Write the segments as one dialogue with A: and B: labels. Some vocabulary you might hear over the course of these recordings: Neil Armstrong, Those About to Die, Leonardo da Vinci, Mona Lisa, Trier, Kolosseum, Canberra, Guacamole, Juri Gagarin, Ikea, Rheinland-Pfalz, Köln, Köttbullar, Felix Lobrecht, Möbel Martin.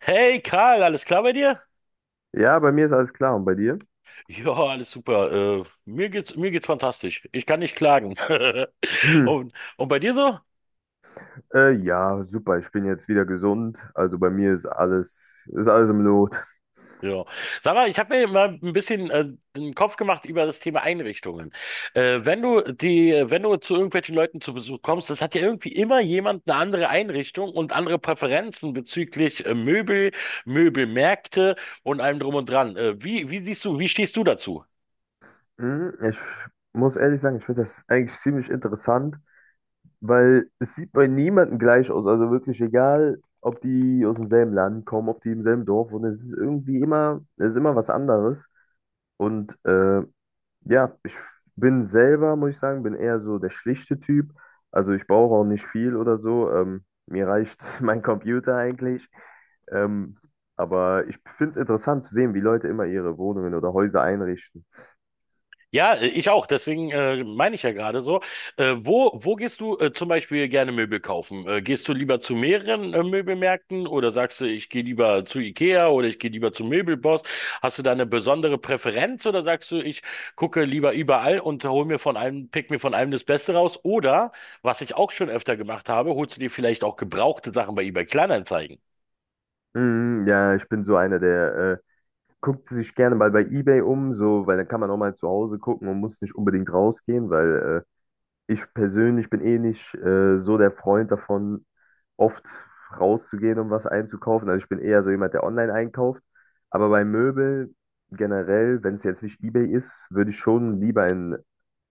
A: Hey Karl, alles klar bei dir?
B: Ja, bei mir ist alles klar und bei dir?
A: Ja, alles super. Mir geht's fantastisch. Ich kann nicht klagen.
B: Hm.
A: Und bei dir so?
B: Ja, super. Ich bin jetzt wieder gesund. Also bei mir ist alles im Lot.
A: Ja. Sag mal, ich habe mir mal ein bisschen den Kopf gemacht über das Thema Einrichtungen. Wenn du zu irgendwelchen Leuten zu Besuch kommst, das hat ja irgendwie immer jemand eine andere Einrichtung und andere Präferenzen bezüglich Möbel, Möbelmärkte und allem drum und dran. Wie siehst du, wie stehst du dazu?
B: Hm, ich muss ehrlich sagen, ich finde das eigentlich ziemlich interessant, weil es sieht bei niemandem gleich aus. Also wirklich egal, ob die aus demselben Land kommen, ob die im selben Dorf wohnen, es ist irgendwie immer, es ist immer was anderes. Und ja, ich bin selber, muss ich sagen, bin eher so der schlichte Typ. Also ich brauche auch nicht viel oder so. Mir reicht mein Computer eigentlich. Ähm, aber ich finde es interessant zu sehen, wie Leute immer ihre Wohnungen oder Häuser einrichten.
A: Ja, ich auch. Deswegen meine ich ja gerade so. Wo gehst du zum Beispiel gerne Möbel kaufen? Gehst du lieber zu mehreren Möbelmärkten oder sagst du, ich gehe lieber zu Ikea oder ich gehe lieber zu Möbelboss? Hast du da eine besondere Präferenz oder sagst du, ich gucke lieber überall und hol mir von einem, pick mir von einem das Beste raus? Oder, was ich auch schon öfter gemacht habe, holst du dir vielleicht auch gebrauchte Sachen bei eBay Kleinanzeigen?
B: Mm, ja, ich bin so einer, der guckt sich gerne mal bei eBay um, so, weil dann kann man auch mal zu Hause gucken und muss nicht unbedingt rausgehen, weil ich persönlich bin eh nicht so der Freund davon, oft rauszugehen, um was einzukaufen. Also ich bin eher so jemand, der online einkauft. Aber bei Möbel generell, wenn es jetzt nicht eBay ist, würde ich schon lieber in den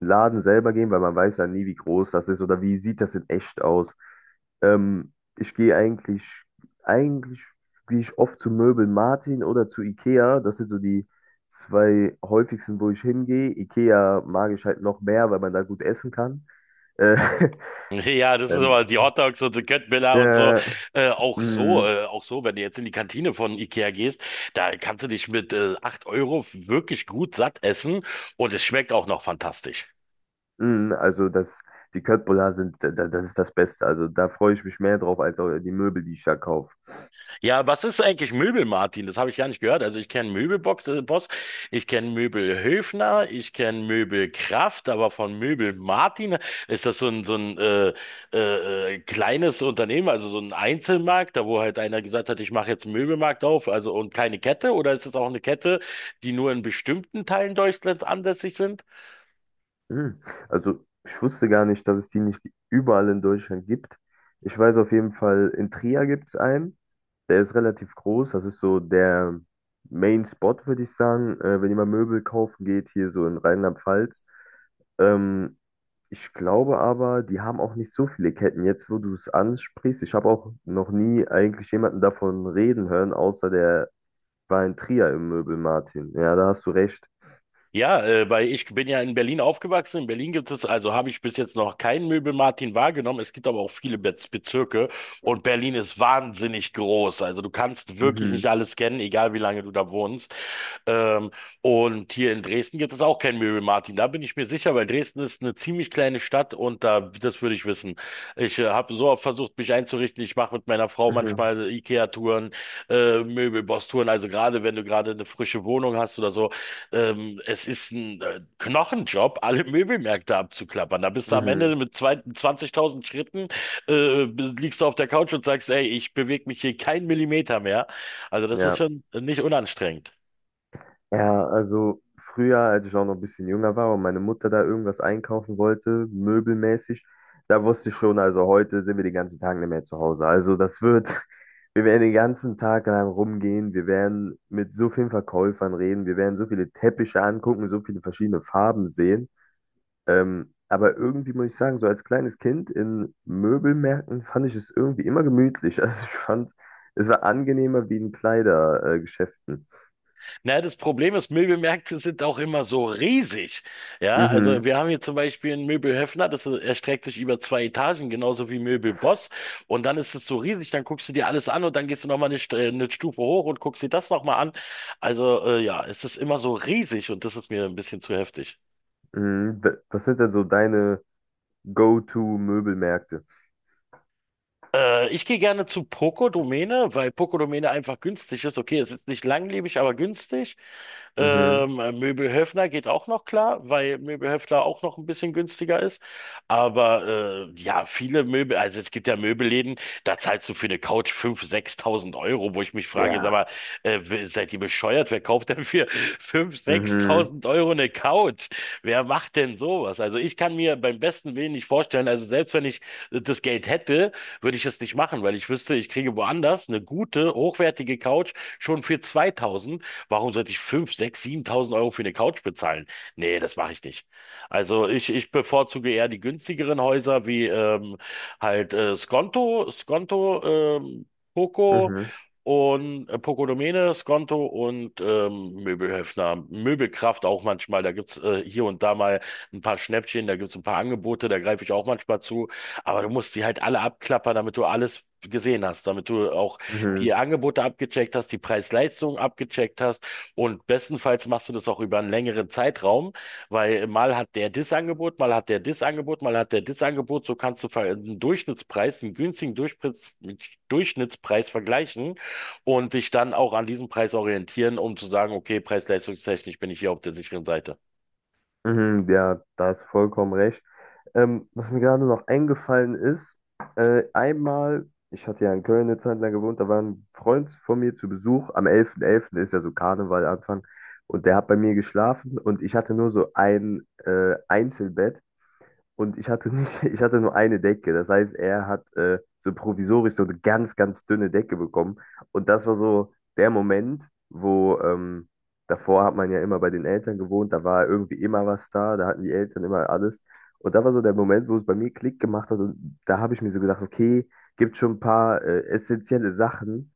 B: Laden selber gehen, weil man weiß ja nie, wie groß das ist oder wie sieht das in echt aus. Ähm, ich gehe eigentlich, eigentlich gehe ich oft zu Möbel Martin oder zu Ikea. Das sind so die zwei häufigsten, wo ich hingehe. Ikea mag ich halt noch mehr, weil man da gut essen kann. Äh,
A: Ja, das ist
B: ähm,
A: aber die Hotdogs und die Köttbullar und so.
B: äh,
A: Äh, auch so,
B: mm,
A: äh, auch so, wenn du jetzt in die Kantine von Ikea gehst, da kannst du dich mit 8 Euro wirklich gut satt essen und es schmeckt auch noch fantastisch.
B: also das, die Köttbullar sind, das ist das Beste. Also da freue ich mich mehr drauf als auch die Möbel, die ich da kaufe.
A: Ja, was ist eigentlich Möbel, Martin? Das habe ich gar nicht gehört. Also ich kenne Möbelbox, Boss, ich kenne Möbelhöfner, ich kenne Möbelkraft, aber von Möbel Martin ist das so ein kleines Unternehmen, also so ein Einzelmarkt, da wo halt einer gesagt hat, ich mache jetzt einen Möbelmarkt auf, also und keine Kette, oder ist das auch eine Kette, die nur in bestimmten Teilen Deutschlands ansässig sind?
B: Mm, also ich wusste gar nicht, dass es die nicht überall in Deutschland gibt. Ich weiß auf jeden Fall, in Trier gibt es einen. Der ist relativ groß. Das ist so der Main Spot, würde ich sagen. Wenn jemand Möbel kaufen geht, hier so in Rheinland-Pfalz. Ähm, Ich glaube aber, die haben auch nicht so viele Ketten. Jetzt, wo du es ansprichst, ich habe auch noch nie eigentlich jemanden davon reden hören, außer der war in Trier im Möbel, Martin. Ja, da hast du recht.
A: Ja, weil ich bin ja in Berlin aufgewachsen. In Berlin gibt es, also habe ich bis jetzt noch keinen Möbel-Martin wahrgenommen. Es gibt aber auch viele Bezirke und Berlin ist wahnsinnig groß. Also du kannst wirklich nicht
B: Mhm.
A: alles kennen, egal wie lange du da wohnst. Ähm, und hier in Dresden gibt es auch kein Mary Martin. Da bin ich mir sicher, weil Dresden ist eine ziemlich kleine Stadt und da, das würde ich wissen. Ich habe so oft versucht, mich einzurichten. Ich mache mit meiner Frau
B: Mhm.
A: manchmal IKEA-Touren, Möbelboss-Touren. Also gerade, wenn du gerade eine frische Wohnung hast oder so, es ist ein Knochenjob, alle Möbelmärkte abzuklappern. Da bist du am
B: Mhm.
A: Ende mit zwei, 20.000 Schritten, liegst du auf der Couch und sagst, ey, ich bewege mich hier keinen Millimeter mehr. Also das ist
B: Ja.
A: schon nicht unanstrengend.
B: Ja, also früher, als ich auch noch ein bisschen jünger war und meine Mutter da irgendwas einkaufen wollte, möbelmäßig, da wusste ich schon, also heute sind wir den ganzen Tag nicht mehr zu Hause. Also das wird, wir werden den ganzen Tag lang rumgehen, wir werden mit so vielen Verkäufern reden, wir werden so viele Teppiche angucken, so viele verschiedene Farben sehen. Aber irgendwie muss ich sagen, so als kleines Kind in Möbelmärkten fand ich es irgendwie immer gemütlich. Also ich fand, es war angenehmer wie in Kleidergeschäften.
A: Na, das Problem ist, Möbelmärkte sind auch immer so riesig. Ja, also
B: Mhm.
A: wir haben hier zum Beispiel einen Möbel Höffner, das erstreckt sich über zwei Etagen, genauso wie Möbel Boss. Und dann ist es so riesig, dann guckst du dir alles an und dann gehst du nochmal eine Stufe hoch und guckst dir das nochmal an. Also ja, es ist immer so riesig und das ist mir ein bisschen zu heftig.
B: Mhm. Was sind denn so deine Go-to-Möbelmärkte?
A: Ich gehe gerne zu Poco Domäne, weil Poco Domäne einfach günstig ist. Okay, es ist nicht langlebig, aber günstig.
B: Mhm.
A: Möbelhöfner geht auch noch klar, weil Möbelhöfner auch noch ein bisschen günstiger ist. Aber ja, viele Möbel, also es gibt ja Möbelläden, da zahlst du für eine Couch 5.000, 6.000 Euro, wo ich mich frage, sag
B: Ja.
A: mal, seid ihr bescheuert? Wer kauft denn für 5.000,
B: Mhm.
A: 6.000 Euro eine Couch? Wer macht denn sowas? Also ich kann mir beim besten Willen nicht vorstellen, also selbst wenn ich das Geld hätte, würde ich es nicht machen, weil ich wüsste, ich kriege woanders eine gute, hochwertige Couch schon für 2.000. Warum sollte ich 5, 6, 7.000 Euro für eine Couch bezahlen? Nee, das mache ich nicht. Also ich bevorzuge eher die günstigeren Häuser wie halt Skonto, Poco
B: Mhm.
A: und Poco Domene, Skonto und Möbelhöfner, Möbelkraft auch manchmal. Da gibt's hier und da mal ein paar Schnäppchen, da gibt's ein paar Angebote, da greife ich auch manchmal zu. Aber du musst die halt alle abklappern, damit du alles gesehen hast, damit du auch
B: Mhm.
A: die Angebote abgecheckt hast, die Preis-Leistung abgecheckt hast und bestenfalls machst du das auch über einen längeren Zeitraum, weil mal hat der das Angebot, mal hat der das Angebot, mal hat der das Angebot, so kannst du einen Durchschnittspreis, einen günstigen Durchschnittspreis vergleichen und dich dann auch an diesem Preis orientieren, um zu sagen, okay, preis-leistungstechnisch bin ich hier auf der sicheren Seite.
B: Mhm. Ja, da hast du vollkommen recht. Was mir gerade noch eingefallen ist, einmal, ich hatte ja in Köln eine Zeit lang gewohnt, da war ein Freund von mir zu Besuch. Am elften, elften ist ja so Karneval Anfang. Und der hat bei mir geschlafen und ich hatte nur so ein Einzelbett. Und ich hatte nicht, ich hatte nur eine Decke. Das heißt, er hat so provisorisch so eine ganz, ganz dünne Decke bekommen. Und das war so der Moment, wo davor hat man ja immer bei den Eltern gewohnt, da war irgendwie immer was da, da hatten die Eltern immer alles. Und da war so der Moment, wo es bei mir Klick gemacht hat. Und da habe ich mir so gedacht, okay, gibt schon ein paar essentielle Sachen,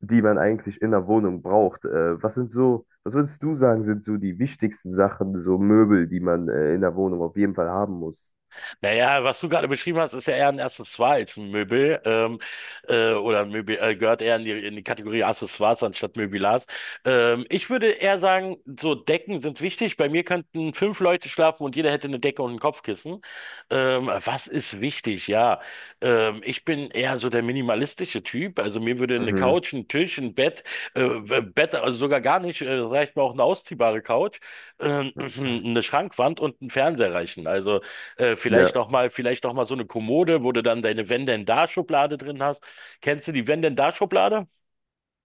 B: die man eigentlich in der Wohnung braucht. Was sind so, was würdest du sagen, sind so die wichtigsten Sachen, so Möbel, die man in der Wohnung auf jeden Fall haben muss?
A: Naja, was du gerade beschrieben hast, ist ja eher ein Accessoire als ein Möbel. Oder ein Möbel gehört eher in die Kategorie Accessoires anstatt Möbilars. Ich würde eher sagen, so Decken sind wichtig. Bei mir könnten fünf Leute schlafen und jeder hätte eine Decke und ein Kopfkissen. Was ist wichtig? Ja, ich bin eher so der minimalistische Typ. Also mir würde eine
B: Mhm.
A: Couch, ein Tisch, ein Bett, also sogar gar nicht, reicht mir auch eine ausziehbare Couch, äh, eine Schrankwand und ein Fernseher reichen. Also vielleicht
B: Ja.
A: noch mal, vielleicht noch mal so eine Kommode, wo du dann deine Wenn-denn-da-Schublade drin hast. Kennst du die Wenn-denn-da-Schublade?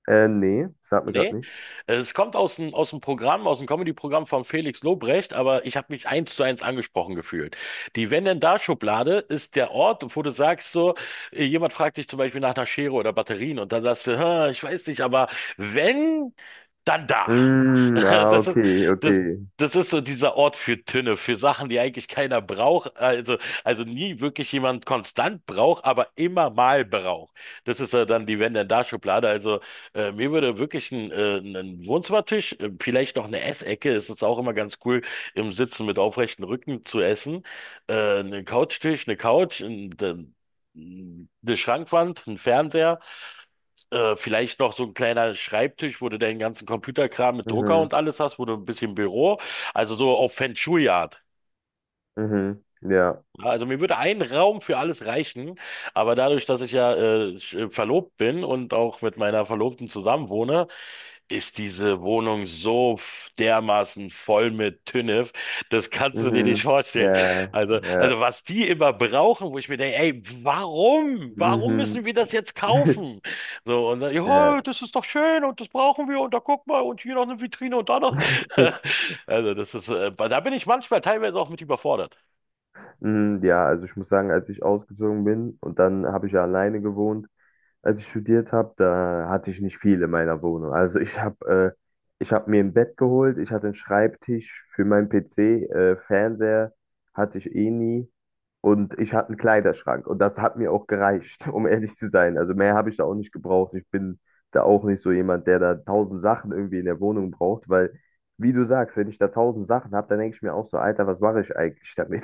B: Nee, sagt mir
A: Nee?
B: gerade nichts.
A: Es kommt aus dem Programm, aus dem Comedy-Programm von Felix Lobrecht, aber ich habe mich eins zu eins angesprochen gefühlt. Die Wenn denn da Schublade ist der Ort, wo du sagst so, jemand fragt dich zum Beispiel nach einer Schere oder Batterien und dann sagst du, "Hm, ich weiß nicht, aber wenn, dann da."
B: Mm, ah,
A: Das ist,
B: okay,
A: das,
B: okay.
A: das ist so dieser Ort für Tünne, für Sachen, die eigentlich keiner braucht, also nie wirklich jemand konstant braucht, aber immer mal braucht. Das ist ja dann die Wenn denn da Schublade. Also mir würde wirklich ein Wohnzimmertisch, vielleicht noch eine Essecke, es ist auch immer ganz cool, im Sitzen mit aufrechtem Rücken zu essen. Einen Couchtisch, eine Couch, eine Schrankwand, ein Fernseher, vielleicht noch so ein kleiner Schreibtisch, wo du deinen ganzen Computerkram mit Drucker
B: Mhm.
A: und alles hast, wo du ein bisschen Büro, also so auf Feng Shui-Art.
B: Mhm. Ja.
A: Ja, also mir würde ein Raum für alles reichen, aber dadurch, dass ich ja verlobt bin und auch mit meiner Verlobten zusammenwohne, ist diese Wohnung so dermaßen voll mit Tünnef, das kannst du dir nicht
B: Mhm.
A: vorstellen.
B: Ja.
A: Also,
B: Ja.
A: also was die immer brauchen, wo ich mir denke, ey, warum? Warum müssen
B: Mhm.
A: wir das jetzt kaufen? So, und dann, ja,
B: Ja.
A: das ist doch schön und das brauchen wir und da guck mal und hier noch eine Vitrine und da noch. Also das ist, da bin ich manchmal teilweise auch mit überfordert.
B: Mm, ja, also ich muss sagen, als ich ausgezogen bin und dann habe ich ja alleine gewohnt, als ich studiert habe, da hatte ich nicht viel in meiner Wohnung. Also ich habe ich habe mir ein Bett geholt, ich hatte einen Schreibtisch für meinen PC, Fernseher hatte ich eh nie. Und ich hatte einen Kleiderschrank und das hat mir auch gereicht, um ehrlich zu sein. Also mehr habe ich da auch nicht gebraucht. Ich bin da auch nicht so jemand, der da tausend Sachen irgendwie in der Wohnung braucht, weil, wie du sagst, wenn ich da tausend Sachen habe, dann denke ich mir auch so, Alter, was mache ich eigentlich damit?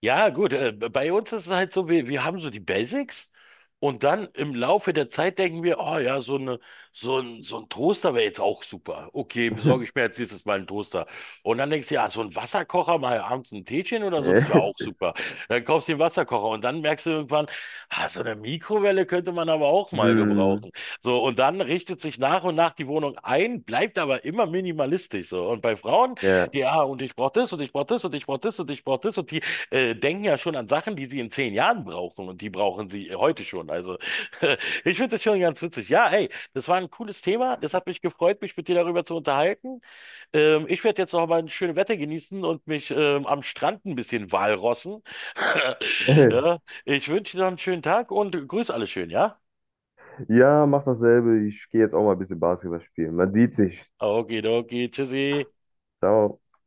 A: Ja, gut, bei uns ist es halt so, wir haben so die Basics und dann im Laufe der Zeit denken wir, oh ja, so ein Toaster wäre jetzt auch super. Okay, besorge ich mir jetzt nächstes Mal einen Toaster. Und dann denkst du, ja, so ein Wasserkocher, mal abends ein Teechen oder so, das wäre
B: Äh,
A: auch super. Dann kaufst du den Wasserkocher und dann merkst du irgendwann, ah, so eine Mikrowelle könnte man aber auch mal
B: Hm,
A: gebrauchen. So, und dann richtet sich nach und nach die Wohnung ein, bleibt aber immer minimalistisch so. Und bei Frauen,
B: ja.
A: ja, und ich brauche das und ich brauche das und ich brauche das und ich brauche das und die denken ja schon an Sachen, die sie in 10 Jahren brauchen und die brauchen sie heute schon. Also ich finde das schon ganz witzig. Ja, hey, das war ein cooles Thema. Es hat mich gefreut, mich mit dir darüber zu unterhalten. Ich werde jetzt noch mal ein schönes Wetter genießen und mich am Strand ein bisschen walrossen. Ja, ich wünsche dir noch einen schönen Tag und grüß alle schön, ja?
B: Ja, mach dasselbe. Ich gehe jetzt auch mal ein bisschen Basketball spielen. Man sieht sich.
A: Okay, okay, tschüssi.
B: Ciao.